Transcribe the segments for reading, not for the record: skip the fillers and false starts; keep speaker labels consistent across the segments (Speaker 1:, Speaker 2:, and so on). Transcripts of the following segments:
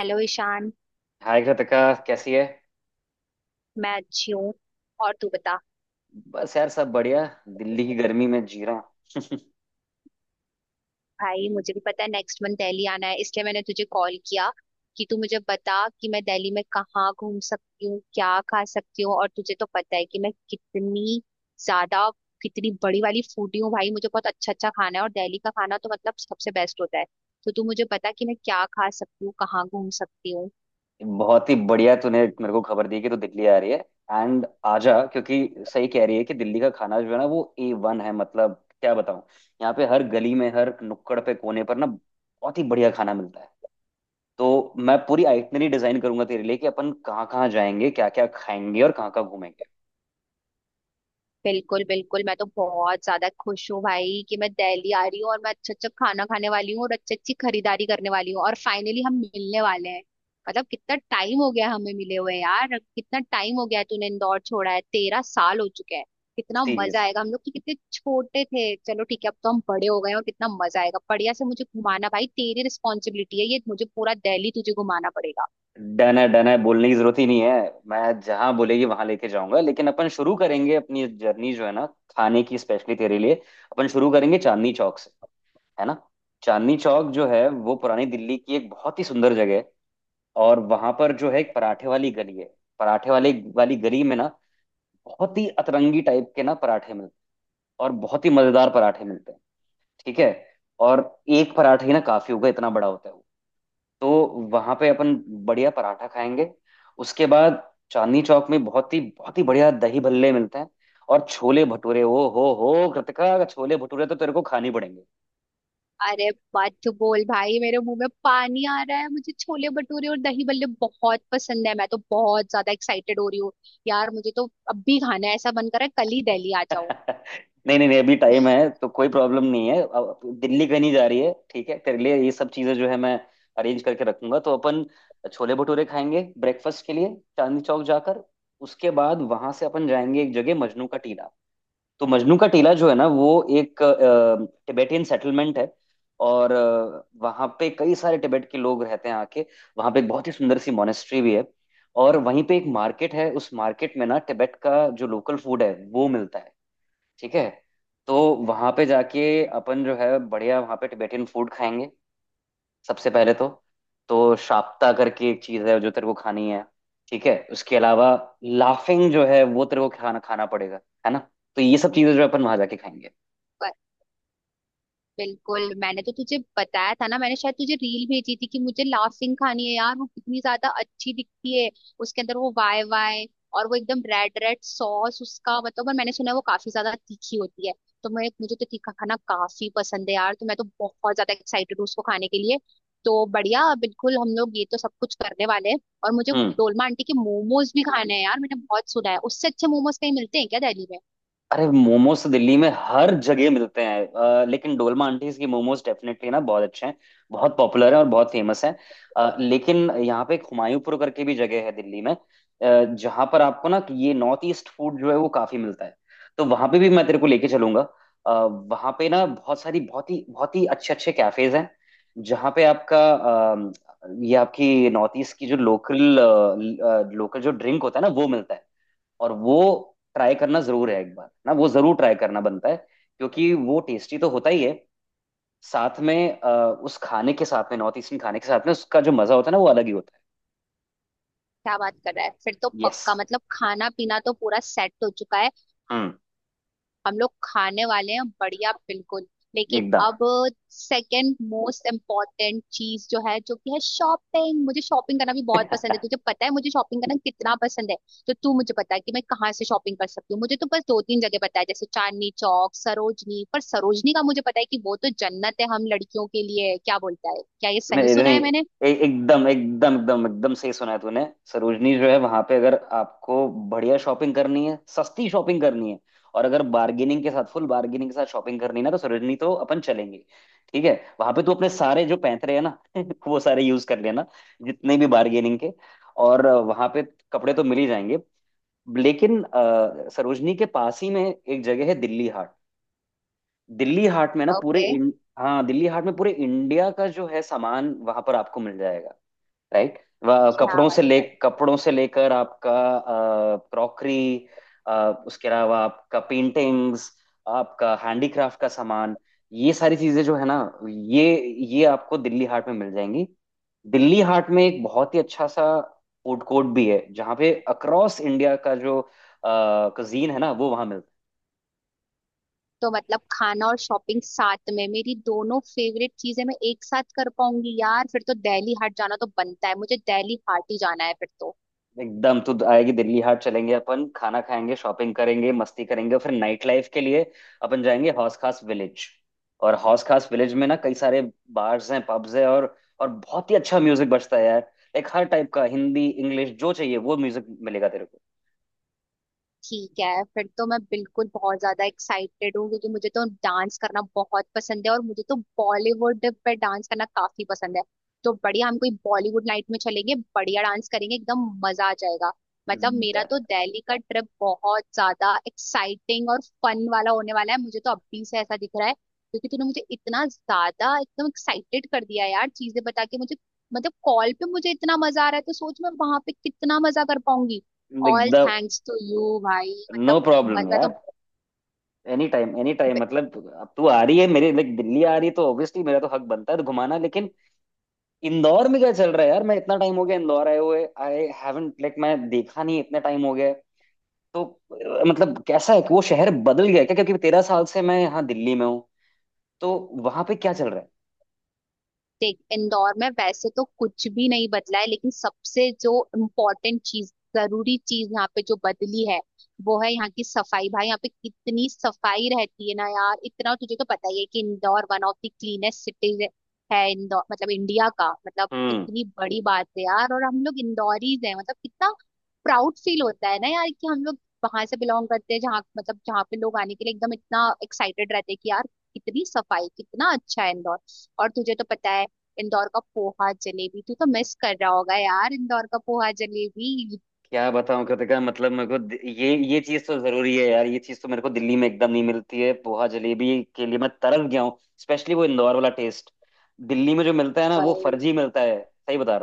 Speaker 1: Hello Ishan.
Speaker 2: Hi Kritika. कैसी है?
Speaker 1: मैं अच्छी हूँ। और तू बता।
Speaker 2: बस यार सब बढ़िया। दिल्ली की गर्मी में जी रहा
Speaker 1: भाई मुझे भी पता है, नेक्स्ट मंथ दिल्ली आना है, इसलिए मैंने तुझे कॉल किया कि तू मुझे बता कि मैं दिल्ली में कहाँ घूम सकती हूँ, क्या खा सकती हूँ। और तुझे तो पता है कि मैं कितनी ज्यादा कितनी बड़ी वाली फूडी हूँ। भाई मुझे बहुत अच्छा अच्छा खाना है, और दिल्ली का खाना तो मतलब सबसे बेस्ट होता है। तो तू मुझे बता कि मैं क्या खा सकती हूँ, कहाँ घूम सकती हूँ।
Speaker 2: हूँ। बहुत ही बढ़िया तूने मेरे को खबर दी कि तू दिल्ली आ रही है। एंड आजा क्योंकि सही कह रही है कि दिल्ली का खाना जो है ना वो ए वन है। मतलब क्या बताऊँ। यहाँ पे हर गली में हर नुक्कड़ पे कोने पर ना बहुत ही बढ़िया खाना मिलता है। तो मैं पूरी आइटनरी डिजाइन करूंगा तेरे लिए कि अपन कहाँ कहाँ जाएंगे क्या क्या खाएंगे और कहाँ कहाँ घूमेंगे।
Speaker 1: बिल्कुल बिल्कुल, मैं तो बहुत ज्यादा खुश हूँ भाई कि मैं दिल्ली आ रही हूँ, और मैं अच्छा अच्छा खाना खाने वाली हूँ, और अच्छी अच्छी खरीदारी करने वाली हूँ, और फाइनली हम मिलने वाले हैं। मतलब कितना टाइम हो गया हमें मिले हुए। यार कितना टाइम हो गया है तूने इंदौर छोड़ा है, 13 साल हो चुके हैं। कितना
Speaker 2: ठीक है,
Speaker 1: मजा आएगा, हम लोग तो कितने छोटे थे। चलो ठीक है, अब तो हम बड़े हो गए हैं और कितना मजा आएगा। बढ़िया से मुझे घुमाना भाई, तेरी रिस्पॉन्सिबिलिटी है ये, मुझे पूरा दिल्ली तुझे घुमाना पड़ेगा।
Speaker 2: डन है डन है बोलने की जरूरत ही नहीं है। मैं जहां बोलेगी वहां लेके जाऊंगा। लेकिन अपन शुरू करेंगे अपनी जर्नी जो है ना खाने की स्पेशली तेरे लिए। अपन शुरू करेंगे चांदनी चौक से। है ना। चांदनी चौक जो है वो पुरानी दिल्ली की एक बहुत ही सुंदर जगह है। और वहां पर जो है एक पराठे वाली गली है। पराठे वाले वाली गली में ना बहुत ही अतरंगी टाइप के ना पराठे मिलते हैं और बहुत ही मजेदार पराठे मिलते हैं। ठीक है। और एक पराठे ही ना काफी होगा इतना बड़ा होता है वो। तो वहां पे अपन बढ़िया पराठा खाएंगे। उसके बाद चांदनी चौक में बहुत ही बढ़िया दही भल्ले मिलते हैं। और छोले भटूरे ओ हो कृतिका छोले भटूरे तो तेरे को खाने पड़ेंगे।
Speaker 1: अरे मत बोल भाई, मेरे मुंह में पानी आ रहा है। मुझे छोले भटूरे और दही बल्ले बहुत पसंद है। मैं तो बहुत ज्यादा एक्साइटेड हो रही हूँ यार, मुझे तो अब भी खाना है, ऐसा मन कर रहा है कल ही दिल्ली आ जाऊं।
Speaker 2: नहीं नहीं नहीं, अभी टाइम है तो कोई प्रॉब्लम नहीं है। अब दिल्ली कहीं नहीं जा रही है। ठीक है तेरे लिए ये सब चीजें जो है मैं अरेंज करके रखूंगा। तो अपन छोले भटूरे खाएंगे ब्रेकफास्ट के लिए चांदनी चौक जाकर। उसके बाद वहां से अपन जाएंगे एक जगह मजनू का टीला। तो मजनू का टीला जो है ना वो एक टिबेटियन सेटलमेंट है। और वहाँ पे कई सारे टिबेट के लोग रहते हैं आके। वहाँ पे एक बहुत ही सुंदर सी मोनेस्ट्री भी है। और वहीं पे एक मार्केट है उस मार्केट में ना टिबेट का जो लोकल फूड है वो मिलता है। ठीक है। तो वहाँ पे जाके अपन जो है बढ़िया वहाँ पे टिबेटियन फूड खाएंगे। सबसे पहले तो शाप्ता करके एक चीज है जो तेरे को खानी है। ठीक है उसके अलावा लाफिंग जो है वो तेरे को खाना खाना पड़ेगा। है ना। तो ये सब चीजें जो है अपन वहां जाके खाएंगे।
Speaker 1: बिल्कुल, मैंने तो तुझे बताया था ना, मैंने शायद तुझे रील भेजी थी कि मुझे लाफिंग खानी है यार, वो कितनी ज्यादा अच्छी दिखती है। उसके अंदर वो वाई वाई और वो एकदम रेड रेड सॉस उसका, मतलब, और मैंने सुना है वो काफी ज्यादा तीखी होती है। तो मैं मुझे तो तीखा खाना काफी पसंद है यार, तो मैं तो बहुत ज्यादा एक्साइटेड हूँ उसको खाने के लिए। तो बढ़िया, बिल्कुल हम लोग ये तो सब कुछ करने वाले हैं। और मुझे
Speaker 2: हम्म।
Speaker 1: डोलमा आंटी के मोमोज भी खाने हैं यार, मैंने बहुत सुना है। उससे अच्छे मोमोज कहीं मिलते हैं क्या दिल्ली में?
Speaker 2: अरे मोमोज तो दिल्ली में हर जगह मिलते हैं लेकिन डोलमा आंटीज की मोमोज डेफिनेटली ना बहुत अच्छे हैं। बहुत पॉपुलर हैं और बहुत फेमस हैं। लेकिन यहाँ पे एक हुमायूंपुर करके भी जगह है दिल्ली में जहाँ पर आपको ना कि ये नॉर्थ ईस्ट फूड जो है वो काफी मिलता है। तो वहाँ पे भी मैं तेरे को लेके चलूंगा। वहाँ पे ना बहुत सारी बहुत ही अच्छे अच्छे कैफेज हैं जहाँ पे आपका ये आपकी नॉर्थ ईस्ट की जो लोकल लोकल जो ड्रिंक होता है ना वो मिलता है। और वो ट्राई करना जरूर है एक बार ना वो जरूर ट्राई करना बनता है क्योंकि वो टेस्टी तो होता ही है। साथ में उस खाने के साथ में नॉर्थ ईस्टर्न खाने के साथ में उसका जो मजा होता है ना वो अलग ही होता
Speaker 1: क्या बात कर रहा है, फिर तो
Speaker 2: है। यस।
Speaker 1: पक्का, मतलब खाना पीना तो पूरा सेट हो चुका है।
Speaker 2: हम्म।
Speaker 1: हम लोग खाने वाले हैं, बढ़िया, बिल्कुल। लेकिन
Speaker 2: एकदम।
Speaker 1: अब सेकंड मोस्ट इम्पोर्टेंट चीज जो है, जो कि है शॉपिंग। मुझे शॉपिंग करना भी बहुत पसंद है, तुझे पता है मुझे शॉपिंग करना कितना पसंद है। तो तू मुझे बता कि मैं कहाँ से शॉपिंग कर सकती हूँ। मुझे तो बस दो तीन जगह पता है, जैसे चांदनी चौक, सरोजनी। पर सरोजनी का मुझे पता है कि वो तो जन्नत है हम लड़कियों के लिए, क्या बोलता है, क्या ये सही
Speaker 2: नहीं
Speaker 1: सुना
Speaker 2: नहीं
Speaker 1: है मैंने?
Speaker 2: एकदम एकदम एकदम एकदम सही सुना है तूने। सरोजनी जो है वहां पे अगर आपको बढ़िया शॉपिंग करनी है सस्ती शॉपिंग करनी है। और अगर बार्गेनिंग के साथ फुल बार्गेनिंग के साथ शॉपिंग करनी है ना तो सरोजनी तो अपन चलेंगे। ठीक है। वहां पे तू अपने सारे जो पैंतरे हैं ना वो सारे यूज कर लेना जितने भी बार्गेनिंग के। और वहां पे कपड़े तो मिल ही जाएंगे। लेकिन सरोजनी के पास ही में एक जगह है दिल्ली हाट। दिल्ली हाट में ना
Speaker 1: ओके।
Speaker 2: हाँ दिल्ली हाट में पूरे इंडिया का जो है सामान वहां पर आपको मिल। राइट।
Speaker 1: क्या बात।
Speaker 2: कपड़ों से लेकर आपका क्रॉकरी उसके अलावा आपका पेंटिंग्स आपका हैंडीक्राफ्ट का सामान ये सारी चीजें जो है ना ये ये आपको दिल्ली हाट में मिल जाएंगी। दिल्ली हाट में एक बहुत ही अच्छा सा फूड कोर्ट भी है जहाँ पे अक्रॉस इंडिया का जो कजीन है ना वो वहाँ
Speaker 1: तो मतलब खाना और शॉपिंग साथ में, मेरी दोनों फेवरेट चीजें मैं एक साथ कर पाऊंगी यार। फिर तो दिल्ली हाट जाना तो बनता है, मुझे दिल्ली हाट ही जाना है फिर तो।
Speaker 2: एकदम तो आएगी दिल्ली हाट चलेंगे अपन खाना खाएंगे शॉपिंग करेंगे मस्ती करेंगे फिर नाइट लाइफ के लिए अपन जाएंगे हौस खास विलेज। और हौस खास विलेज में ना कई सारे बार्स हैं पब्स हैं और बहुत ही अच्छा म्यूजिक बजता है यार लाइक हर टाइप का हिंदी इंग्लिश जो चाहिए वो म्यूजिक मिलेगा तेरे को।
Speaker 1: ठीक है, फिर तो मैं बिल्कुल बहुत ज्यादा एक्साइटेड हूँ, क्योंकि मुझे तो डांस करना बहुत पसंद है और मुझे तो बॉलीवुड पे डांस करना काफी पसंद है। तो बढ़िया, हम कोई बॉलीवुड नाइट में चलेंगे, बढ़िया डांस करेंगे, एकदम मजा आ जाएगा। मतलब मेरा तो
Speaker 2: डर-
Speaker 1: दिल्ली का ट्रिप बहुत ज्यादा एक्साइटिंग और फन वाला होने वाला है। मुझे तो अभी से ऐसा दिख रहा है, क्योंकि तूने मुझे इतना ज्यादा एकदम एक्साइटेड कर दिया यार चीजें बता के मुझे। मतलब कॉल पे मुझे इतना मजा आ रहा है, तो सोच मैं वहां पे कितना मजा कर पाऊंगी। ऑल
Speaker 2: एकदम।
Speaker 1: थैंक्स टू यू भाई,
Speaker 2: नो
Speaker 1: मतलब मैं
Speaker 2: प्रॉब्लम
Speaker 1: मैं
Speaker 2: यार।
Speaker 1: तो
Speaker 2: एनी टाइम मतलब अब तू आ रही है मेरे लाइक दिल्ली आ रही है तो ऑब्वियसली मेरा तो हक बनता है तो घुमाना। लेकिन इंदौर में क्या चल रहा है यार मैं इतना टाइम हो गया इंदौर आए हुए आई हैवंट लाइक मैं देखा नहीं इतने टाइम हो गए। तो मतलब कैसा है कि वो शहर बदल गया है क्या क्योंकि 13 साल से मैं यहाँ दिल्ली में हूँ। तो वहां पे क्या चल रहा है?
Speaker 1: देख, इंदौर में वैसे तो कुछ भी नहीं बदला है, लेकिन सबसे जो इम्पोर्टेंट चीज, जरूरी चीज यहाँ पे जो बदली है वो है यहाँ की सफाई। भाई यहाँ पे कितनी सफाई रहती है ना यार, इतना तुझे तो पता ही है कि Indore one of the cleanest cities है। इंदौर मतलब इंडिया का, मतलब
Speaker 2: हम्म।
Speaker 1: कितनी बड़ी बात है यार। और हम लोग इंदौरीज हैं, मतलब कितना प्राउड फील होता है ना यार, कि हम लोग वहां से बिलोंग करते हैं जहाँ, मतलब जहाँ पे लोग आने के लिए एकदम इतना एक्साइटेड रहते हैं कि यार कितनी सफाई, कितना अच्छा है इंदौर। और तुझे तो पता है इंदौर का पोहा जलेबी, तू तो मिस कर रहा होगा यार इंदौर का पोहा जलेबी।
Speaker 2: क्या बताऊं कृतिका मतलब मेरे को ये चीज तो जरूरी है यार। ये चीज तो मेरे को दिल्ली में एकदम नहीं मिलती है। पोहा जलेबी के लिए मैं तरस गया हूँ स्पेशली वो इंदौर वाला टेस्ट। दिल्ली में जो मिलता है ना वो
Speaker 1: भाई
Speaker 2: फर्जी मिलता है। सही बता।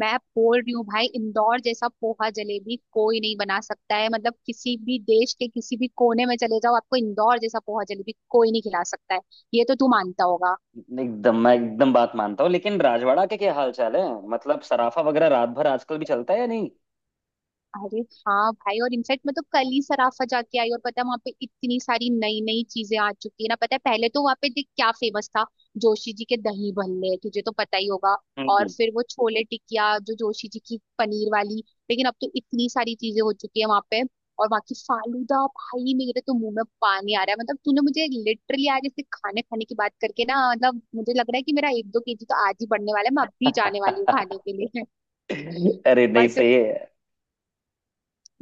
Speaker 1: मैं बोल रही हूँ भाई, इंदौर जैसा पोहा जलेबी कोई नहीं बना सकता है। मतलब किसी भी देश के किसी भी कोने में चले जाओ, आपको इंदौर जैसा पोहा जलेबी कोई नहीं खिला सकता है। ये तो तू मानता होगा।
Speaker 2: एकदम मैं एकदम बात मानता हूँ। लेकिन राजवाड़ा के क्या हाल चाल है मतलब सराफा वगैरह रात भर आजकल भी चलता है या नहीं?
Speaker 1: अरे हाँ भाई, और इनफैक्ट मैं तो कल ही सराफा जाके आई, और पता है वहां पे इतनी सारी नई नई चीजें आ चुकी है ना। पता है पहले तो वहां पे देख क्या फेमस था, जोशी जी के दही भल्ले, तुझे तो पता ही होगा। और
Speaker 2: हम्म।
Speaker 1: फिर वो छोले टिकिया जो जोशी जी की, पनीर वाली। लेकिन अब तो इतनी सारी चीजें हो चुकी है वहां पे। और वहां की फालूदा, भाई मेरे तो मुंह में पानी आ रहा है। मतलब तूने मुझे लिटरली आज ऐसे खाने खाने की बात करके ना, मतलब मुझे लग रहा है कि मेरा 1-2 KG तो आज ही बढ़ने वाला है, मैं अब भी जाने वाली हूँ खाने के लिए।
Speaker 2: अरे नहीं
Speaker 1: बट
Speaker 2: सही है।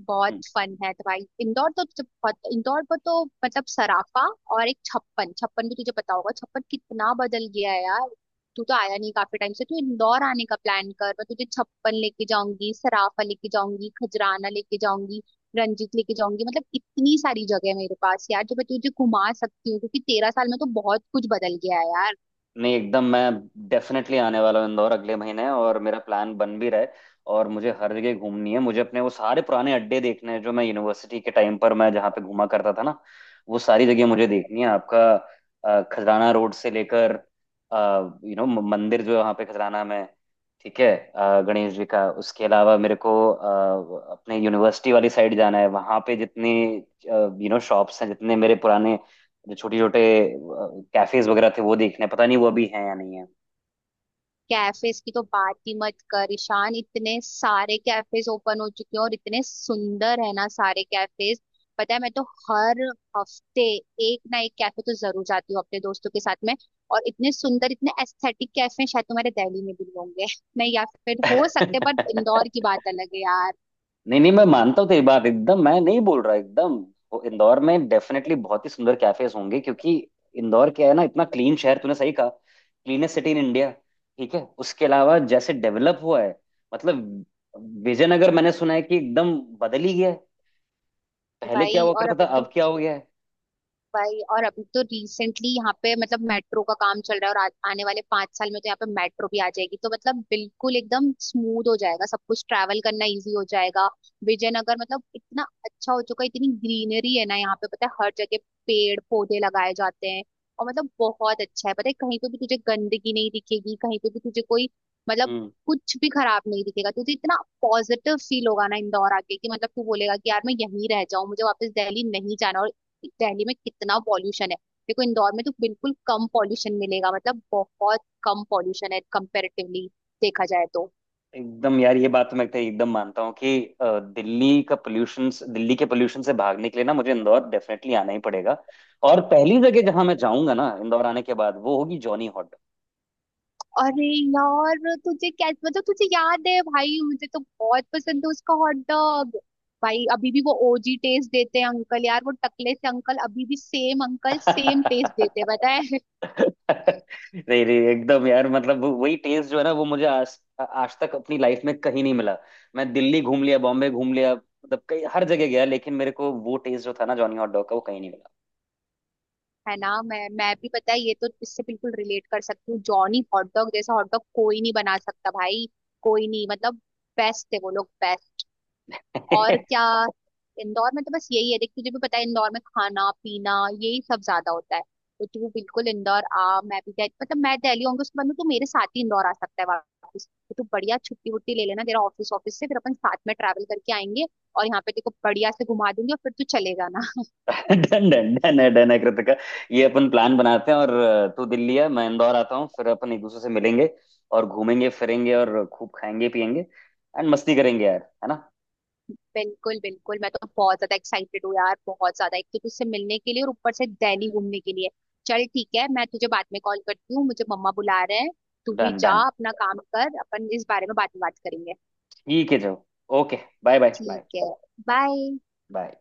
Speaker 1: बहुत
Speaker 2: हम्म,
Speaker 1: फन है तो भाई। इंदौर पर तो मतलब सराफा, और एक छप्पन, छप्पन भी तुझे पता होगा। छप्पन कितना बदल गया है यार, तू तो आया नहीं काफी टाइम से। तू इंदौर आने का प्लान कर, मैं तुझे छप्पन लेके जाऊंगी, सराफा लेके जाऊंगी, खजराना लेके जाऊंगी, रंजीत लेके जाऊंगी। मतलब इतनी सारी जगह है मेरे पास यार, जो मैं तुझे घुमा सकती हूँ, क्योंकि 13 साल में तो बहुत कुछ बदल गया है यार।
Speaker 2: नहीं एकदम मैं डेफिनेटली आने वाला हूँ इंदौर अगले महीने। और मेरा प्लान बन भी रहा है। और मुझे हर जगह घूमनी है मुझे अपने वो सारे पुराने अड्डे देखने हैं जो मैं यूनिवर्सिटी के टाइम पर मैं जहाँ पे घूमा करता था ना वो सारी जगह मुझे देखनी है। आपका खजराना रोड से लेकर यू नो मंदिर जो है वहाँ पे खजराना में। ठीक है गणेश जी का उसके अलावा मेरे को अपने यूनिवर्सिटी वाली साइड जाना है वहां पे जितने यू नो शॉप्स हैं जितने मेरे पुराने जो छोटे छोटे कैफेज वगैरह थे वो देखने हैं। पता नहीं वो अभी हैं या नहीं।
Speaker 1: कैफेज की तो बात ही मत कर ईशान, इतने सारे कैफेज ओपन हो चुके हैं, और इतने सुंदर है ना सारे कैफेज। पता है मैं तो हर हफ्ते एक ना एक कैफे तो जरूर जाती हूँ अपने दोस्तों के साथ में। और इतने सुंदर, इतने एस्थेटिक कैफे शायद तुम्हारे दिल्ली में भी होंगे। नहीं, या फिर हो
Speaker 2: है।
Speaker 1: सकते, बट इंदौर की बात अलग है यार।
Speaker 2: नहीं नहीं मैं मानता हूँ तेरी बात। एकदम मैं नहीं बोल रहा एकदम। वो इंदौर में डेफिनेटली बहुत ही सुंदर कैफेज होंगे क्योंकि इंदौर क्या है ना इतना क्लीन शहर तूने सही कहा क्लीनेस्ट सिटी इन इंडिया। ठीक है उसके अलावा जैसे डेवलप हुआ है मतलब विजयनगर मैंने सुना है कि एकदम बदल ही गया है। पहले क्या
Speaker 1: भाई
Speaker 2: हुआ
Speaker 1: और
Speaker 2: करता था
Speaker 1: अभी तो
Speaker 2: अब क्या हो गया
Speaker 1: भाई और अभी तो रिसेंटली यहाँ पे मतलब मेट्रो का काम चल रहा है, और आने वाले 5 साल में तो यहाँ पे मेट्रो भी आ जाएगी, तो मतलब बिल्कुल एकदम स्मूथ हो जाएगा सब कुछ, ट्रैवल करना इजी हो जाएगा। विजयनगर मतलब इतना अच्छा हो चुका है, इतनी ग्रीनरी है ना यहाँ पे, पता है हर जगह पेड़ पौधे लगाए जाते हैं। और मतलब बहुत अच्छा है, पता है कहीं पे भी तुझे गंदगी नहीं दिखेगी, कहीं पे भी तुझे कोई, मतलब
Speaker 2: है?
Speaker 1: कुछ भी खराब नहीं दिखेगा तुझे। इतना पॉजिटिव फील होगा ना इंदौर आके, कि मतलब तू बोलेगा कि यार मैं यहीं रह जाऊं, मुझे वापस दिल्ली नहीं जाना। और कि दिल्ली में कितना पॉल्यूशन है, देखो इंदौर में तो बिल्कुल कम पॉल्यूशन मिलेगा, मतलब बहुत कम पॉल्यूशन है कंपेरेटिवली देखा जाए तो।
Speaker 2: एकदम यार ये बात तो मैं तो एकदम मानता हूँ कि दिल्ली का पोल्यूशन दिल्ली के पोल्यूशन से भागने के लिए ना मुझे इंदौर डेफिनेटली आना ही पड़ेगा। और पहली जगह जहां मैं जाऊंगा ना इंदौर आने के बाद वो होगी जॉनी हॉट।
Speaker 1: अरे यार तुझे क्या, मतलब तुझे याद है भाई, मुझे तो बहुत पसंद है उसका हॉट डॉग। भाई अभी भी वो ओजी टेस्ट देते हैं अंकल यार, वो टकले से अंकल अभी भी सेम अंकल, सेम टेस्ट देते हैं पता है।
Speaker 2: नहीं नहीं एकदम यार मतलब वही टेस्ट जो है ना वो मुझे आज आज तक अपनी लाइफ में कहीं नहीं मिला। मैं दिल्ली घूम लिया बॉम्बे घूम लिया मतलब कई हर जगह गया लेकिन मेरे को वो टेस्ट जो था ना जॉनी हॉट डॉग का वो कहीं नहीं मिला।
Speaker 1: है ना, मैं भी पता है ये तो, इससे बिल्कुल रिलेट कर सकती हूँ। जॉनी हॉट डॉग जैसा हॉट डॉग कोई नहीं बना सकता भाई, कोई नहीं, मतलब बेस्ट है वो लोग। और क्या, इंदौर में तो बस यही है, देख तुझे भी पता है इंदौर में खाना पीना यही सब ज्यादा होता है। तो तू बिल्कुल इंदौर आ, मतलब मैं दिल्ली होंगी, उसके बाद में तू मेरे साथ ही इंदौर आ सकता है वापस। तो तू बढ़िया छुट्टी वुट्टी ले लेना तेरा ऑफिस, ऑफिस से फिर अपन साथ में ट्रैवल करके आएंगे, और यहाँ पे तेरे को बढ़िया से घुमा दूंगी, और फिर तू चले जाना।
Speaker 2: डन है डन है डन है कृतिका। ये अपन प्लान बनाते हैं और तू दिल्ली है मैं इंदौर आता हूँ फिर अपन एक दूसरे से मिलेंगे और घूमेंगे फिरेंगे और खूब खाएंगे पिएंगे एंड मस्ती करेंगे यार है ना?
Speaker 1: बिल्कुल बिल्कुल, मैं तो बहुत ज्यादा एक्साइटेड हूँ यार, बहुत ज्यादा। एक तो तुझसे मिलने के लिए, और ऊपर से दिल्ली घूमने के लिए। चल ठीक है, मैं तुझे बाद में कॉल करती हूँ, मुझे मम्मा बुला रहे हैं। तू भी
Speaker 2: डन
Speaker 1: जा,
Speaker 2: डन
Speaker 1: अपना काम कर, अपन इस बारे में बाद में बात करेंगे।
Speaker 2: ठीक है जो ओके बाय बाय बाय
Speaker 1: ठीक है, बाय।
Speaker 2: बाय।